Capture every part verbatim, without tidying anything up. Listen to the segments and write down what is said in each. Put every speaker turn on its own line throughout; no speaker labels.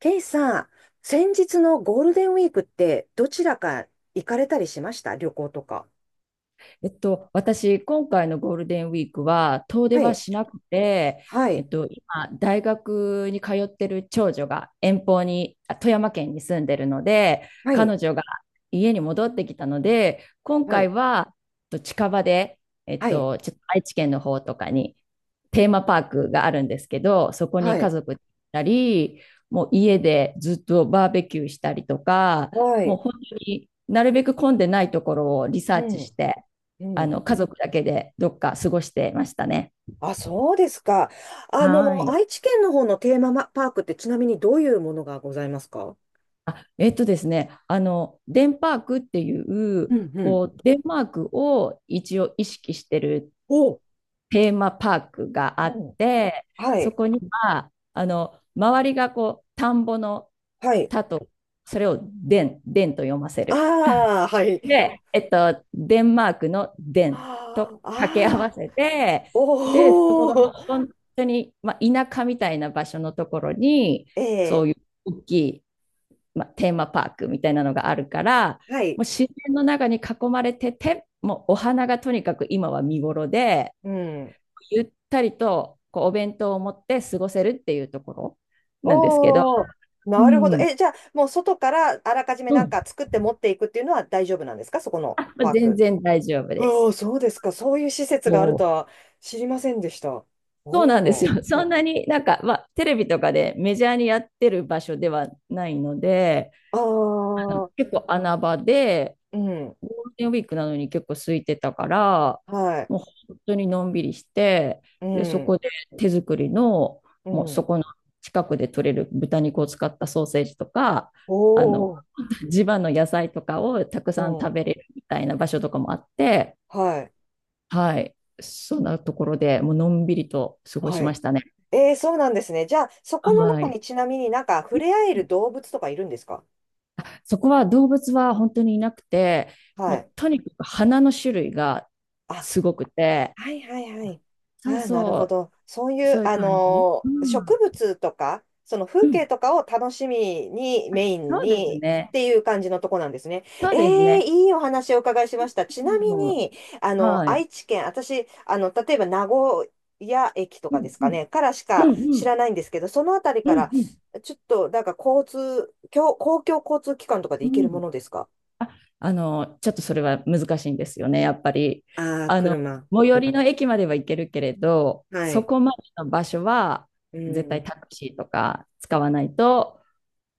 ケイさん、先日のゴールデンウィークってどちらか行かれたりしました、旅行とか？
えっと、私、今回のゴールデンウィークは遠出
は
は
い、
しなくて、
は
え
い、
っと、今、大学に通ってる長女が遠方に、あ富山県に住んでるので、
はい、
彼女が家に戻ってきたので、今
は
回
い、
は、えっと近場で、えっ
はい、
と、ちょっと愛知県の方とかにテーマパークがあるんですけど、そこに
は
家
い、
族で行ったり、もう家でずっとバーベキューしたりとか、
は
もう
い、
本当になるべく混んでないところをリサ
う
ーチし
ん、
て、
う
あ
ん。
の家族だけでどっか過ごしてましたね。
あ、そうですか。あ
は
の、
い。
愛知県の方のテーマパークってちなみにどういうものがございますか？
あ、えっとですね、あの、デンパークっていう、
うんうん。
こう、デンマークを一応意識してる
お、う
テーマパークがあっ
ん。
て、
は
そ
い、
こには、あの、周りがこう、田んぼの
はい。
田と、それをデン、デンと読ませる。
ああ、はい。
で、えっと、デンマークのデンと
ああ、
掛け合わ
ああ、
せて、で、そこ
お
がもう
お、
本当に、まあ、田舎みたいな場所のところに、
え
そ
え、
ういう大きい、まあ、テーマパークみたいなのがあるから、
はい、
もう自然の中に囲まれてて、もうお花がとにかく今は見頃で、
うん。
ゆったりとこうお弁当を持って過ごせるっていうところなんですけど、
おー、
う
なるほど。
ん、
え、じゃあ、もう外からあらかじめ
う
なん
ん、
か作って持っていくっていうのは大丈夫なんですか、そこの
あ、
パー
全
ク？
然大丈夫で
おー、
す。
そうですか。そういう施設
も
があると
う
は知りませんでした。
そうなんです
おー。
よ。そんなになんか、まあ、テレビとかでメジャーにやってる場所ではないので、
あ
あの
ー、
結構穴場で、
うん。
ゴールデンウィークなのに結構空いてたから、
はい。
もう本当にのんびりして、
う
で、そ
ん。
こで手作りの、
う
もうそ
ん。
この近くで取れる豚肉を使ったソーセージとか、あの、
おー。
地場の野菜とかをたく
う
さん食
ん。
べれるみたいな場所とかもあって、
はい。
はい、そんなところでもうのんびりと過ご
は
しま
い。
したね。
えー、そうなんですね。じゃあ、そこの
は
中
い。
にちなみになんか触れ合える動物とかいるんですか？
そこは動物は本当にいなくて、
は
も
い。
うとにかく花の種類が
あ、
すごくて、
はいはいはい。
そう
ああ、なる
そ
ほど。そう
う、
いう、
そういう
あ
感じ。
の
う
ー植
ん。
物とか、その
う
風景
ん。
とかを楽しみに、メイン
そうです
にっ
ね。
ていう感じのとこなんですね。
そ
え
うです
え
ね。
いいお話をお伺いしました。ちなみ
うん、
に、あの、
はい。
愛知県、私、あの、例えば名古屋駅と
う
かで
ん、
す
う
か
ん。
ね、からし
う
か
ん、う
知
ん。
らないんですけど、そのあたりか
うん、
ら、
うん。
ちょっと、なんか交通、公公共交通機関とかで
う
行けるも
ん。
のですか？
あ、あの、ちょっとそれは難しいんですよね、やっぱり。
ああー、
あの、
車。
最寄りの駅までは行けるけれど、
は
そ
い。
こまでの場所は
う
絶対
ん。
タクシーとか使わないと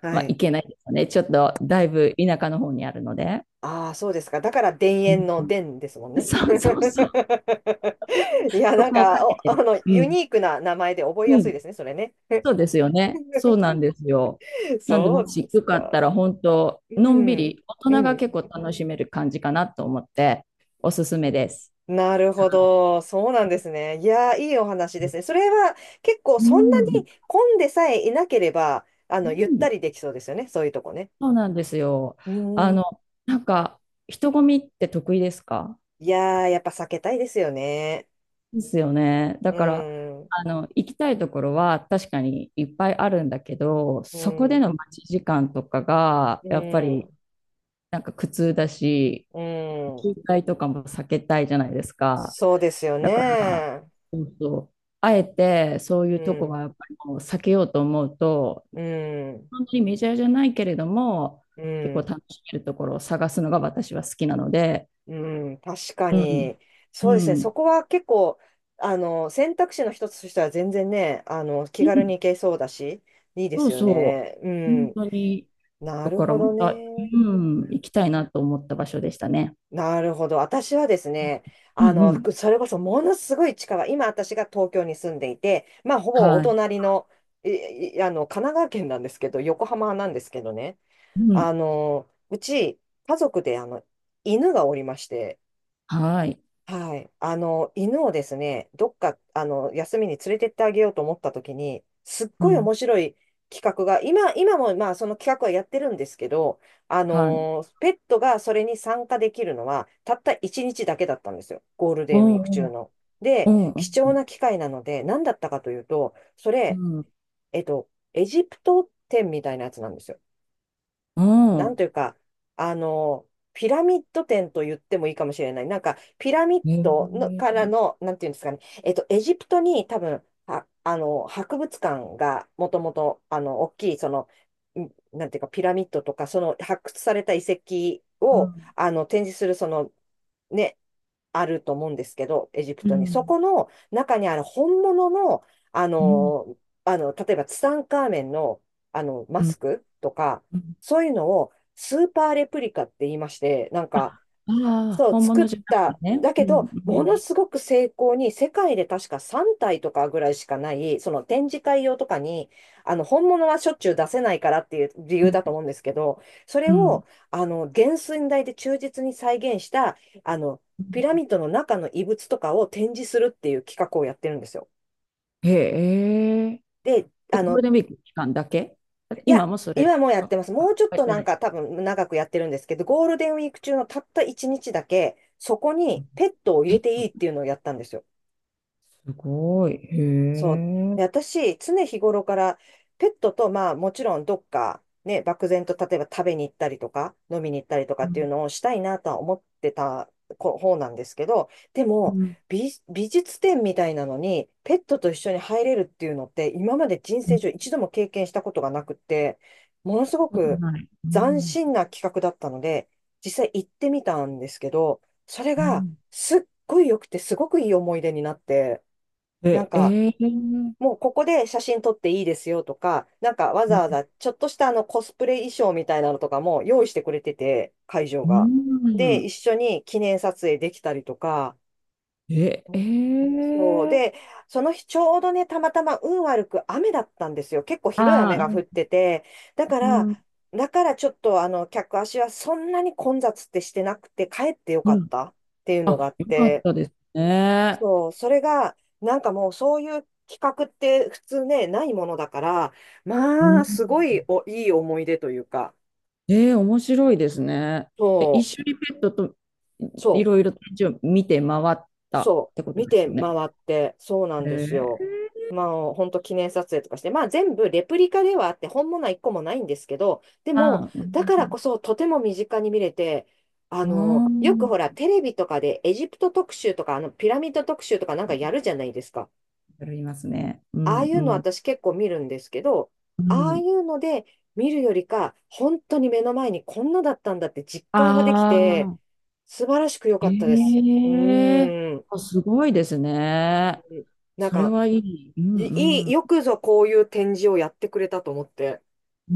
は
まあ、行
い。
けないですね。ちょっと、だいぶ田舎の方にあるので。
ああ、そうですか。だから、田
う
園
ん
の
うん
田ですもんね。
そうそうそう。
いや、
そ
なん
こをか
か、
け
お、あ
て。
の、
う
ユ
ん。
ニークな名前で覚え
う
やすい
ん。
ですね、それね。
そうですよね。そうなんですよ。なんで、
そ
も
うで
し
す
よかったら、
か。
本当
う
のんび
ん、
り、大人
う
が結
ん、
構楽しめる感じかなと思って、おすす
う
めで
ん。
す。
なる
は
ほど。そうなんですね。いやー、いいお話
い
ですね。それは結構、
う
そんなに
ん、
混んでさえいなければ、あ
う
の、ゆった
ん、
りできそうですよね、そういうとこね。
そうなんですよ。
う
あ
ん。
の、なんか、人混みって得意ですか？
いやー、やっぱ避けたいですよね。
ですよね。だ
う
から、
ん、うん、
あの、行きたいところは確かにいっぱいあるんだけど、そこで
う
の待ち時間とかが、
ん、
やっぱりなんか苦痛だし、
うん。
渋滞とかも避けたいじゃないですか。
そうですよ
だから、
ね。
そうそう。あえてそう
う
いうとこは
ん、
やっぱりもう避けようと思うと、
うん、
本当にメジャーじゃないけれども、
う
結構
ん、
楽しめるところを探すのが私は好きなので、
うん、確か
うん、
に。
う
そうですね。そ
ん、
こは結構、あの、選択肢の一つとしては全然ね、あの、気
う
軽
ん、
に行けそうだし、いいで
そう
すよ
そ
ね。
う、本
う
当に。
ん。な
と
る
ころ
ほど
も、あ
ね。
うん、行きたいなと思った場所でしたね。
なるほど。私はですね、
う
あ
んう
の、
ん。
くそれこそものすごい近い、今私が東京に住んでいて、まあ、ほぼお
はい。
隣の、いいあの、神奈川県なんですけど、横浜なんですけどね、
うん。
あの、うち、家族で、あの、犬がおりまして、
はい。
はい。あの、犬をですね、どっか、あの、休みに連れてってあげようと思ったときに、すっ
う
ごい
ん。
面白い企画が、今、今も、まあ、その企画はやってるんですけど、あ
はい。
の、ペットがそれに参加できるのは、たったいちにちだけだったんですよ、ゴールデンウィ
お
ーク
うお
中
う。
の。で、
おうう
貴重
ん。
な機会なので、何だったかというと、それ、
う
えっと、エジプト展みたいなやつなんですよ。
ん。お
なんと
う。
いうか、あの、ピラミッド展と言ってもいいかもしれない。なんか、ピラミッ
へ
ドの
え。
からの、なんていうんですかね、えっと、エジプトに多分、は、あの、博物館がもともと、あの、大きい、その、んなんていうか、ピラミッドとか、その発掘された遺跡
う
を、
ん。
あの、展示する、その、ね、あると思うんですけど、エジプ
う
トに。そ
ん。
この中にある本物の、あ
うん。
の、あの、例えばツタンカーメンの、あの、マ
う
ス
ん。
クとか、
うん。
そういうのをスーパーレプリカって言いまして、なん
あ、
か、
ああ、
そう、
本
作
物
っ
じゃなくて
た。
ね。
だ
う
け
ん。
ど、
う
もの
ん。
すごく精巧に、世界で確かさんたい体とかぐらいしかない、その展示会用とかに、あの、本物はしょっちゅう出せないからっていう理由だと思うんですけど、それ
う
を、
ん。
あの、原寸大で忠実に再現した、あの、
う
ピラ
ん
ミッドの中の遺物とかを展示するっていう企画をやってるんですよ。
へえ。
で、
え、
あ
ゴール
の、
デンウィーク期間だけ
い
今
や、
もそれ
今もうやっ
は、
てます。
あ、
もうちょっ
やっ
と
て
な
な
ん
い。
か多分長くやってるんですけど、ゴールデンウィーク中のたったいちにちだけ、そこにペットを入
ペ
れ
ッ
ていい
ト。
っていうのをやったんですよ。
すごい。へ
そう。
え。
で、私、常日頃からペットと、まあ、もちろんどっか、ね、漠然と例えば食べに行ったりとか、飲みに行ったりとかっていうのをしたいなとは思ってたこ方なんですけど、で
う
も、
ん、
美、美術展みたいなのに、ペットと一緒に入れるっていうのって、今まで人
う
生上
ん、
一度も経験したことがなくって、ものすご
こと
く
ない。う
斬
ん、
新な企画だったので、実際行ってみたんですけど、それ
う
が
ん。
すっごい良くて、すごくいい思い出になって、なん
え、
か、
えー
もうここで写真撮っていいですよとか、なんかわ
う
ざ
ん
わざちょっとしたあのコスプレ衣装みたいなのとかも用意してくれてて、会場が。で、一緒に記念撮影できたりとか、う
え、え
ん、そう。で、
え
その日ちょうどね、たまたま運悪く雨だったんですよ。結構ひどい雨
あ
が降っ
あ、
てて、だか
う
ら、
ん、
だからちょっとあの客足はそんなに混雑ってしてなくて、帰ってよ
う
かっ
ん。
たっていうのがあ
あ、
っ
よかっ
て、
たですね。
そう、それが、なんかもうそういう企画って普通ね、ないものだから、
う
まあ、すごい
ん。
お、いい思い出というか、
えー面白いですね。
そ
え、一緒にペットと
う、
い
そう、
ろいろ展示を見て回ったっ
そ
てこ
う、
と
見
です
て
よね。
回って、そうなんですよ。
ええ
まあ、本当記念撮影とかして、まあ全部レプリカではあって、本物は一個もないんですけど、で
あ
も、
あ、う
だから
ん。
こそとても身近に見れて、あ
う
の、よく
ん。
ほら、テレビとかでエジプト特集とか、あの、ピラミッド特集とかなんかやるじゃないですか。
ありますね。う
ああ
ん、
い
う
うの
ん、
私結構見るんですけど、
う
ああい
ん。
うので見るよりか、本当に目の前にこんなだったんだって実感ができ
あ
て、
あ。
素晴らしく良かったです。
え
う
え
ーん。
あ、すごいですね。
なん
それ
か、
はいい。う
い
ん
い
う
い、よ
ん。
くぞこういう展示をやってくれたと思って。
う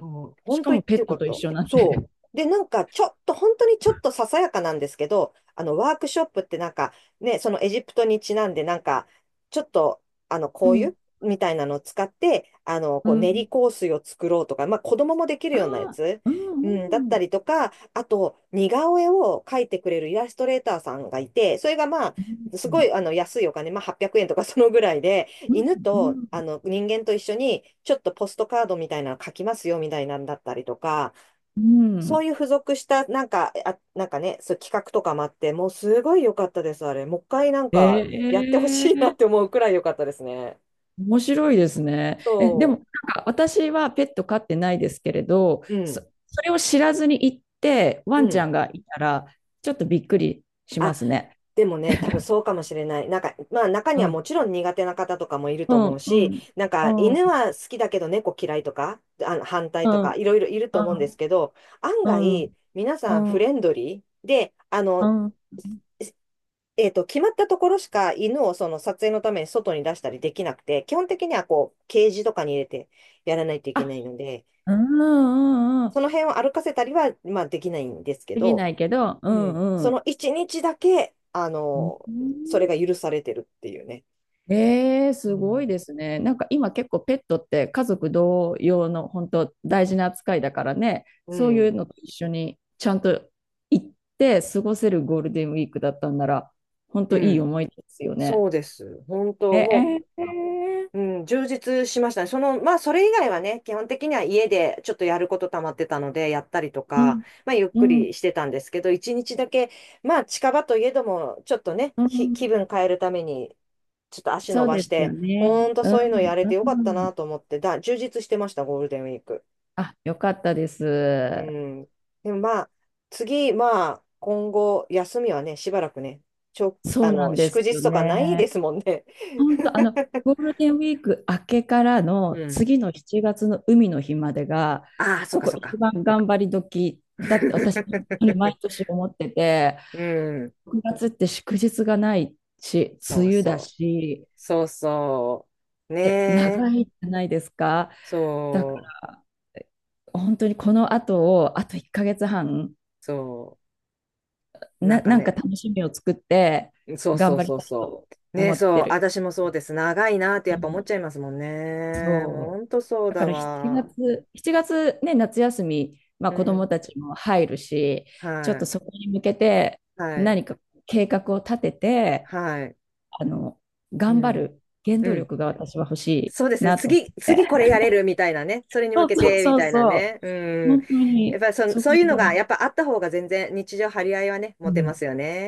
うん、
し
本
か
当言
も
っ
ペ
てよ
ッ
か
ト
っ
と一
た。
緒になって。
そう。で、なんか、ちょっと、本当にちょっとささやかなんですけど、あの、ワークショップってなんか、ね、そのエジプトにちなんで、なんか、ちょっと、あの、
う
こうい
ん。
うみたいなのを使って、あの、
う
こう、練
ん。
り香水を作ろうとか、まあ、子供もできる
あ
ようなや
あ、
つ、
う
うん、だっ
んう
た
ん。
りとか、あと、似顔絵を描いてくれるイラストレーターさんがいて、それがまあ、
う
すご
ん
い、あの、安いお金、まあ、はっぴゃくえんとかそのぐらいで、
う
犬
んう
と
ん。
あの人間と一緒にちょっとポストカードみたいなの書きますよみたいなんだったりとか、
う
そ
ん
ういう付属したなんか、あ、なんかね、そう企画とかもあって、もうすごい良かったです、あれ。もう一回なんか
え
やってほしいなって
え
思うくらい良かったですね。
面白いですね。え、でも、
そ
なんか私はペット飼ってないですけれど、
う。う
そ、
ん。
それを知らずに行って、
う
ワンちゃ
ん。
んがいたら、ちょっとびっくりしま
あ、
すね。
でもね、多分そうかもしれない。なんか、まあ中
う
には
ん。
もちろん苦手な方とかもいる
う
と思う
ん、う
し、
ん、
なんか
う
犬
ん。
は好きだけど猫嫌いとか、あの反対
う
と
ん
か、いろいろいる
う
と思うんです
ん、
けど、案
う
外、
ん、
皆さん
う
フ
ん、
レンドリーで、あ
う
の、
ん。
えっと、決まったところしか犬をその撮影のために外に出したりできなくて、基本的にはこう、ケージとかに入れてやらないといけ
あ、
ないので、
うん、うん、う
そ
ん。
の辺を歩かせたりは、まあできないんですけ
でき
ど、
ないけど、う
うん、
ん、う
そ
ん。
の一日だけ、あ
う
の、そ
ん
れが許されてるっていうね。
えー、
う
すごい
ん、
ですね。なんか今結構ペットって家族同様の本当大事な扱いだからね、
う
そういう
ん、
のと一緒にちゃんと行って過ごせるゴールデンウィークだったんなら、本
う
当いい
ん、
思い出ですよ
そ
ね。
うです。本
え
当、も
えー、
う、うん、充実しましたね。その、まあ、それ以外はね、基本的には家でちょっとやること溜まってたので、やったりと
う
か、
ん、
まあ、ゆっ
う
く
ん、
りしてたんですけど、一日だけ、まあ、近場といえども、ちょっとね、
う
ひ
ん、
気分変えるために、ちょっと足
そ
伸
う
ば
で
し
すよ
て、
ね。
ほんと
う
そういうの
ん、
やれ
う
てよかったな
ん。
と思って、だ、充実してました、ゴールデンウィーク。
あ、よかったで
う
す。
ん。でもまあ、次、まあ、今後、休みはね、しばらくね、ちょ
そ
あ
うな
の、
んで
祝
す
日
よ
とかないで
ね。
すもんね。
本当、あの、ゴールデンウィーク明けからの
うん。
次のしちがつの海の日までが、
ああ、そう
こ
か、
こ
そう
一
か。
番頑張り時だって私、本当に毎 年思ってて、
うん。
ろくがつって祝日がないし、
そ
梅
う
雨だ
そう。
し、
そうそう。ね
いや長
え。
いじゃないですか。だか
そう。
ら、本当にこの後を、あといっかげつはん、
そう。な
な、
んか
なんか
ね。
楽しみを作って、
そう
頑
そう
張り
そう
たい
そ
と
う。ね
思
え、
っ
そ
て
う。
る。
私もそうです。長いなってやっぱ思っちゃいますもんね。ほ
そう。
んとそう
だか
だ
ら7
わ。
月、しちがつね、夏休み、まあ、
う
子ども
ん。
たちも入るし、ちょっ
は
と
い。
そこに向けて
はい。
何か計画を立てて、
はい。
あの、
う
頑張
ん。
る原
う
動
ん。
力が私は欲し
そうで
い
すね。
なと思っ
次、
て。
次これやれるみたいなね。それに向
そう
け
そう
てみ
そう
たいな
そう。
ね。うん。
本当
やっ
に、
ぱりそ、
そ
そう
こ
いう
ぐ
の
ら
が、
い。
やっぱあった方が全然日常張り合いはね、
う
持てま
ん
すよね。